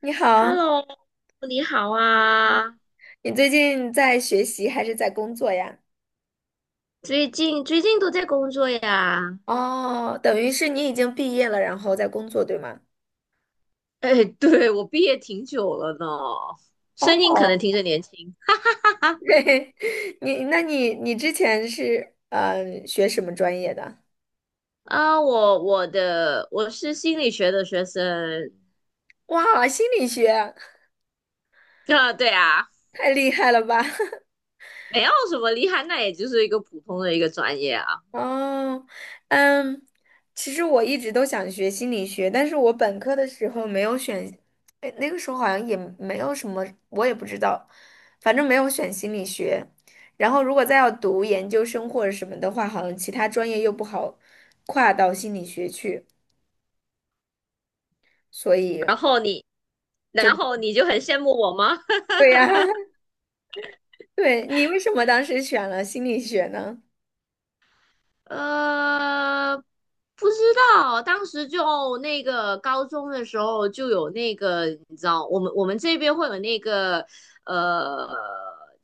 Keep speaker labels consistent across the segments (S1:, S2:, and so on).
S1: 你好，
S2: Hello，你好啊！
S1: 你最近在学习还是在工作呀？
S2: 最近都在工作呀？
S1: 哦，等于是你已经毕业了，然后在工作，对吗？
S2: 哎，对，我毕业挺久了呢，声音可能
S1: 哦，
S2: 听着年轻。
S1: 嘿你那你之前是学什么专业的？
S2: 啊。我是心理学的学生。
S1: 哇，心理学，
S2: 啊，对啊，
S1: 太厉害了吧！
S2: 没有什么厉害，那也就是一个普通的一个专业啊。
S1: 哦，嗯，其实我一直都想学心理学，但是我本科的时候没有选。哎，那个时候好像也没有什么，我也不知道，反正没有选心理学。然后如果再要读研究生或者什么的话，好像其他专业又不好跨到心理学去，所以
S2: 然后你，
S1: 就，
S2: 然后你就很羡慕我吗？
S1: 对呀，对，你为什么当时选了心理学呢？
S2: 呃，不知道，当时就那个高中的时候就有那个，你知道，我们这边会有那个，呃，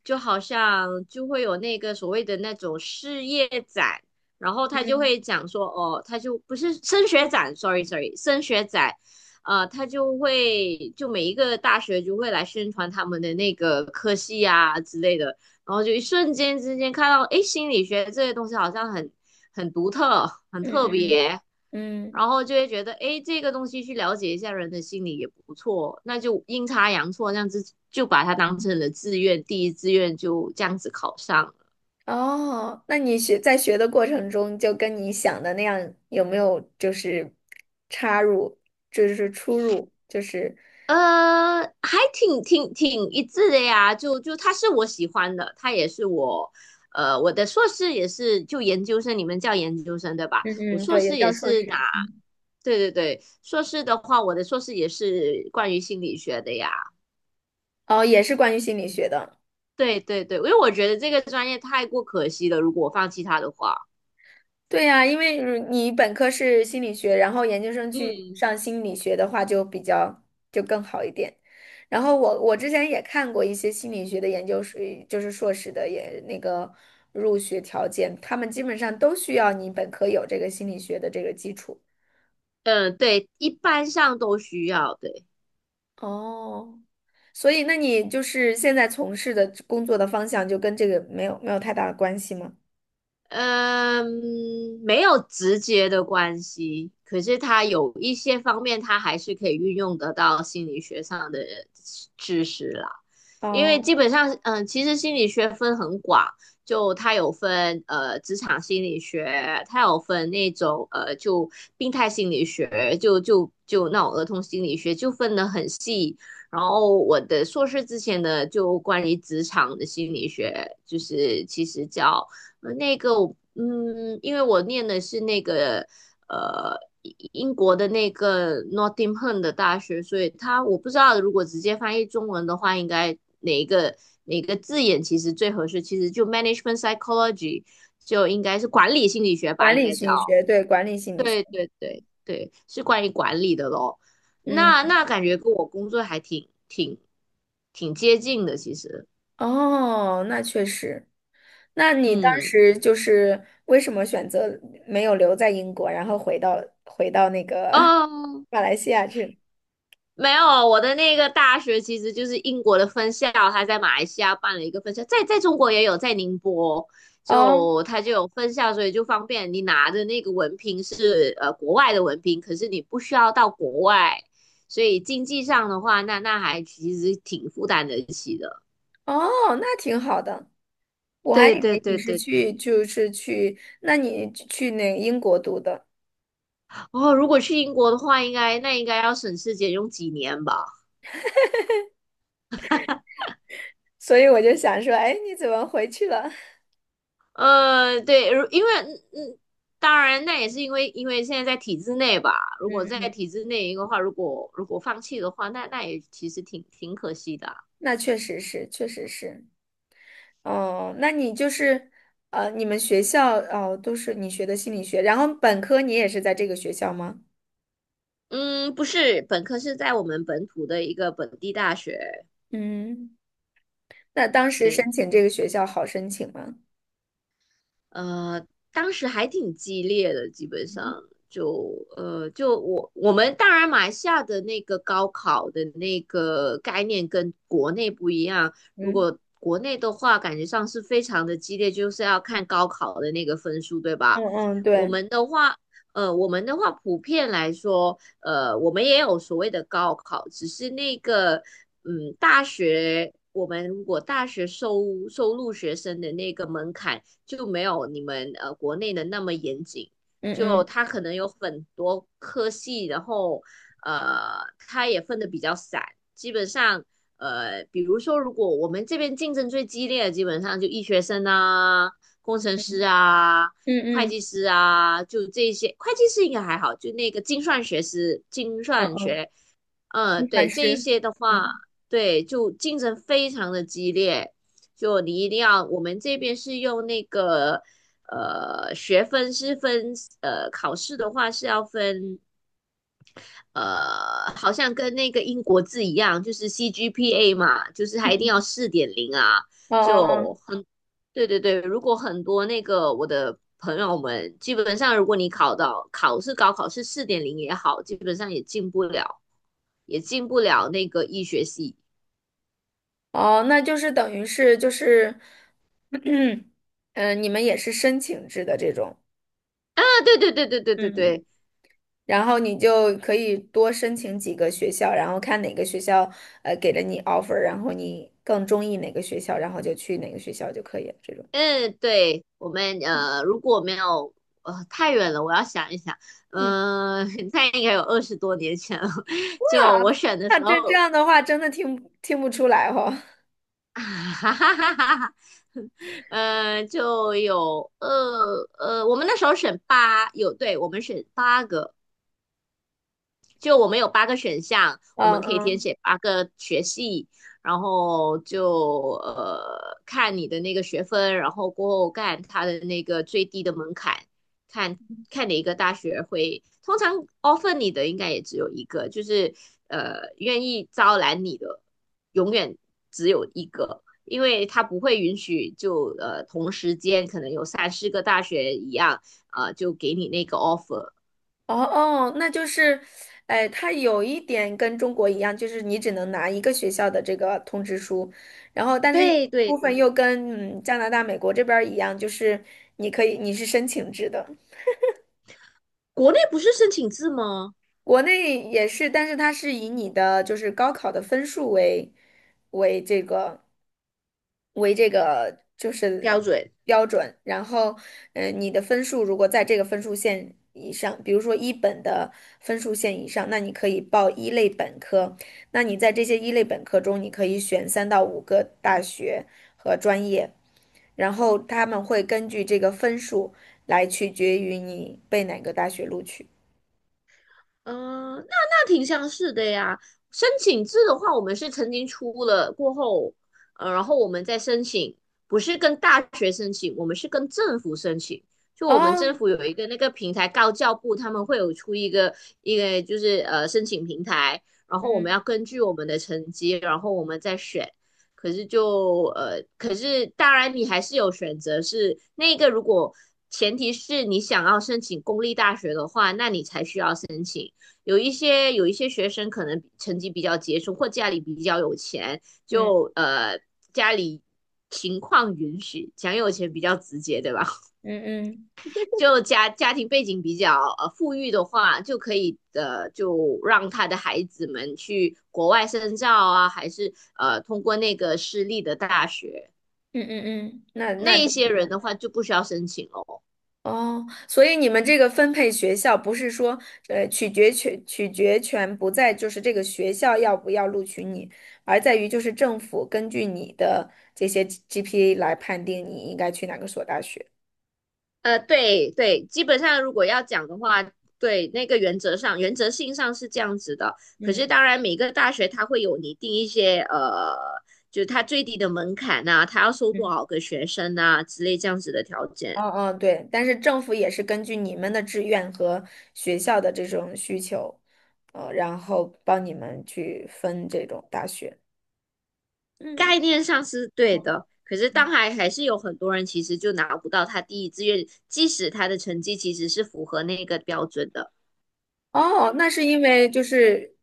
S2: 就好像就会有那个所谓的那种事业展。然后他就会讲说，哦，他就不是升学展，sorry，升学展。他就会每一个大学就会来宣传他们的那个科系啊之类的。然后就一瞬间之间看到，诶，心理学这些东西好像很独特、很
S1: 嗯
S2: 特
S1: 嗯
S2: 别。
S1: 嗯。
S2: 然后就会觉得，诶，这个东西去了解一下人的心理也不错，那就阴差阳错这样子就把它当成了志愿，第一志愿就这样子考上了。
S1: 哦，那你学在学的过程中，就跟你想的那样，有没有就是插入，就是出入，就是
S2: 还挺一致的呀，就他是我喜欢的，他也是我，我的硕士也是就研究生，你们叫研究生对吧？我
S1: 嗯嗯，
S2: 硕
S1: 对，也
S2: 士也
S1: 叫硕
S2: 是拿。
S1: 士，嗯，
S2: 对对对，硕士的话，我的硕士也是关于心理学的呀。
S1: 哦，也是关于心理学的。
S2: 对对对，因为我觉得这个专业太过可惜了，如果我放弃它的话。
S1: 对呀，因为如你本科是心理学，然后研究生去
S2: 嗯，
S1: 上心理学的话，就比较就更好一点。然后我之前也看过一些心理学的研究生，就是硕士的也那个入学条件，他们基本上都需要你本科有这个心理学的这个基础。
S2: 嗯，对，一般上都需要，对。
S1: 哦，所以那你就是现在从事的工作的方向就跟这个没有太大的关系吗？
S2: 嗯，没有直接的关系，可是它有一些方面，它还是可以运用得到心理学上的知识啦。因为
S1: 哦，
S2: 基本上，嗯，其实心理学分很广，就它有分职场心理学，它有分那种就病态心理学，就那种儿童心理学，就分得很细。然后我的硕士之前呢，就关于职场的心理学，就是其实叫。那个我，因为我念的是那个呃英国的那个 Nottingham 的大学，所以它我不知道如果直接翻译中文的话，应该哪一个字眼其实最合适？其实就 management psychology 就应该是管理心理学吧，
S1: 管
S2: 应
S1: 理
S2: 该
S1: 心理
S2: 叫。
S1: 学，对，管理心理学。
S2: 对对对对，是关于管理的咯。那
S1: 嗯，
S2: 那感觉跟我工作还挺接近的，其实。
S1: 哦，那确实。那你当
S2: 嗯，
S1: 时就是为什么选择没有留在英国，然后回到那个
S2: 哦，
S1: 马来西亚去了。
S2: 没有，我的那个大学其实就是英国的分校，他在马来西亚办了一个分校，在中国也有，在宁波。
S1: 哦
S2: 就他就有分校，所以就方便你拿的那个文凭是国外的文凭，可是你不需要到国外，所以经济上的话，那还其实挺负担得起的。
S1: 哦，那挺好的。我还
S2: 对
S1: 以
S2: 对
S1: 为你
S2: 对
S1: 是
S2: 对
S1: 去
S2: 对，
S1: 就是去，那你去那英国读的，
S2: 哦，如果去英国的话，应该那应该要省吃俭用几年吧。
S1: 所以我就想说，哎，你怎么回去了？
S2: 对，因为，当然那也是因为现在在体制内吧。如果在
S1: 嗯。
S2: 体制内的话，如果放弃的话，那也其实挺可惜的啊。
S1: 那确实是，确实是。哦，那你就是，呃，你们学校哦，都是你学的心理学，然后本科你也是在这个学校吗？
S2: 嗯，不是，本科是在我们本土的一个本地大学。
S1: 嗯，那当时
S2: 对，
S1: 申请这个学校好申请吗？
S2: 呃，当时还挺激烈的，基本
S1: 嗯
S2: 上就呃，就我我们当然马来西亚的那个高考的那个概念跟国内不一样。如
S1: 嗯
S2: 果国内的话，感觉上是非常的激烈，就是要看高考的那个分数，对
S1: 嗯
S2: 吧？
S1: 嗯，
S2: 我
S1: 对，
S2: 们的话，我们的话普遍来说，我们也有所谓的高考，只是那个，嗯，大学。我们如果大学收录学生的那个门槛就没有你们国内的那么严谨，
S1: 嗯
S2: 就
S1: 嗯
S2: 他可能有很多科系，然后他也分的比较散。基本上比如说如果我们这边竞争最激烈的，基本上就医学生啊、工程师
S1: 嗯
S2: 啊。
S1: 嗯
S2: 会计
S1: 嗯
S2: 师啊，就这些。会计师应该还好，就那个精算学师、精
S1: 嗯
S2: 算
S1: 嗯，
S2: 学。
S1: 你
S2: 对，
S1: 反
S2: 这一
S1: 是，
S2: 些的话，
S1: 嗯
S2: 对，就竞争非常的激烈，就你一定要，我们这边是用那个学分是分，考试的话是要分，好像跟那个英国字一样，就是 CGPA 嘛，就是
S1: 嗯
S2: 还一定要
S1: 嗯，
S2: 四点零啊，
S1: 哦哦
S2: 就很。对对对，如果很多那个我的朋友们，基本上如果你考到考试高考是四点零也好，基本上也进不了。也进不了那个医学系
S1: 哦，哦，那就是等于是就是，嗯，呃你们也是申请制的这种，
S2: 啊。对对对对对对
S1: 嗯。
S2: 对。
S1: 然后你就可以多申请几个学校，然后看哪个学校呃给了你 offer，然后你更中意哪个学校，然后就去哪个学校就可以了。这种，
S2: 嗯，对，我们如果没有，太远了，我要想一想。
S1: 嗯，
S2: 嗯、呃那应该有20多年前了。就
S1: 啊，
S2: 我选的
S1: 那
S2: 时
S1: 这这
S2: 候。
S1: 样的话，真的听不出来哈。
S2: 啊哈哈哈哈哈。就有，我们那时候选八，有，对，我们选八个。就我们有八个选项，我
S1: 嗯
S2: 们可以填
S1: 嗯，
S2: 写八个学系，然后就看你的那个学分，然后过后看它的那个最低的门槛，看看哪一个大学会。通常 offer 你的应该也只有一个，就是愿意招揽你的永远只有一个，因为他不会允许就同时间可能有三四个大学一样，啊就给你那个 offer。
S1: 哦哦，那就是，哎，它有一点跟中国一样，就是你只能拿一个学校的这个通知书，然后但是有
S2: 对对
S1: 部分
S2: 对，
S1: 又跟嗯加拿大、美国这边儿一样，就是你可以你是申请制的。
S2: 国内不是申请制吗？
S1: 国内也是，但是它是以你的就是高考的分数为为这个为这个就
S2: 标
S1: 是
S2: 准。
S1: 标准，然后嗯、呃你的分数如果在这个分数线以上，比如说一本的分数线以上，那你可以报一类本科。那你在这些一类本科中，你可以选3到5个大学和专业，然后他们会根据这个分数来取决于你被哪个大学录取。
S2: 嗯，那挺像是的呀。申请制的话，我们是曾经出了过后，然后我们再申请，不是跟大学申请，我们是跟政府申请。就我们政
S1: 哦，
S2: 府有一个那个平台，高教部他们会有出一个就是申请平台，然后我们要
S1: 嗯
S2: 根据我们的成绩，然后我们再选。可是当然你还是有选择是，那个如果前提是你想要申请公立大学的话，那你才需要申请。有一些学生可能成绩比较杰出，或家里比较有钱，
S1: 嗯
S2: 家里情况允许，讲有钱比较直接，对吧？
S1: 嗯嗯
S2: 就家庭背景比较富裕的话，就可以就让他的孩子们去国外深造啊，还是通过那个私立的大学。
S1: 嗯嗯嗯，那那
S2: 那一
S1: 都
S2: 些
S1: 一
S2: 人
S1: 样
S2: 的话就不需要申请哦。
S1: 哦。所以你们这个分配学校不是说，呃，取决权不在就是这个学校要不要录取你，而在于就是政府根据你的这些 GPA 来判定你应该去哪个所大学。
S2: 对对，基本上如果要讲的话，对那个原则上、原则性上是这样子的。可
S1: 嗯
S2: 是当然，每个大学它会有拟定一些，就是它最低的门槛啊，它要收多
S1: 嗯
S2: 少个学生啊之类这样子的条件。
S1: 嗯嗯，对。但是政府也是根据你们的志愿和学校的这种需求，呃，然后帮你们去分这种大学。嗯。
S2: 概念上是对的，可是当还是有很多人其实就拿不到他第一志愿，即使他的成绩其实是符合那个标准的。
S1: 哦，那是因为就是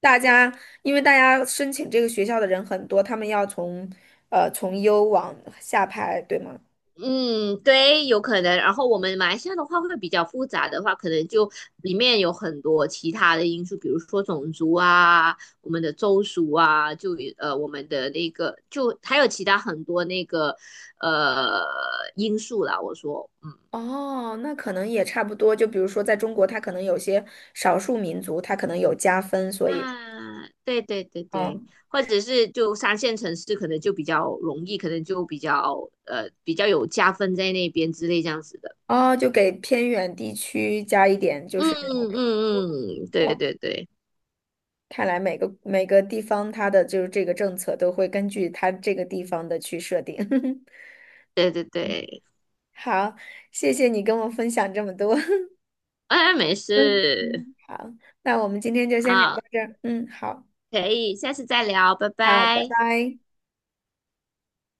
S1: 大家，因为大家申请这个学校的人很多，他们要从呃从优往下排，对吗？
S2: 嗯，对，有可能。然后我们马来西亚的话会比较复杂的话，可能就里面有很多其他的因素，比如说种族啊，我们的州属啊，就我们的那个，就还有其他很多那个呃因素啦。我说，嗯。
S1: 哦，那可能也差不多。就比如说，在中国，他可能有些少数民族，他可能有加分，所以
S2: 啊，对对对
S1: 哦
S2: 对，或者是就三线城市可能就比较容易，可能就比较比较有加分在那边之类这样子的。
S1: 哦，就给偏远地区加一点，就
S2: 嗯
S1: 是这种。
S2: 嗯嗯，嗯对
S1: 哦，
S2: 对对
S1: 看来每个地方它的就是这个政策都会根据它这个地方的去设定。
S2: 对对对。
S1: 好，谢谢你跟我分享这么多。
S2: 哎，没
S1: 嗯
S2: 事。
S1: 嗯，好，那我们今天就先聊到
S2: 好，
S1: 这儿。嗯，好，
S2: 可以，下次再聊，拜
S1: 好，拜
S2: 拜。
S1: 拜。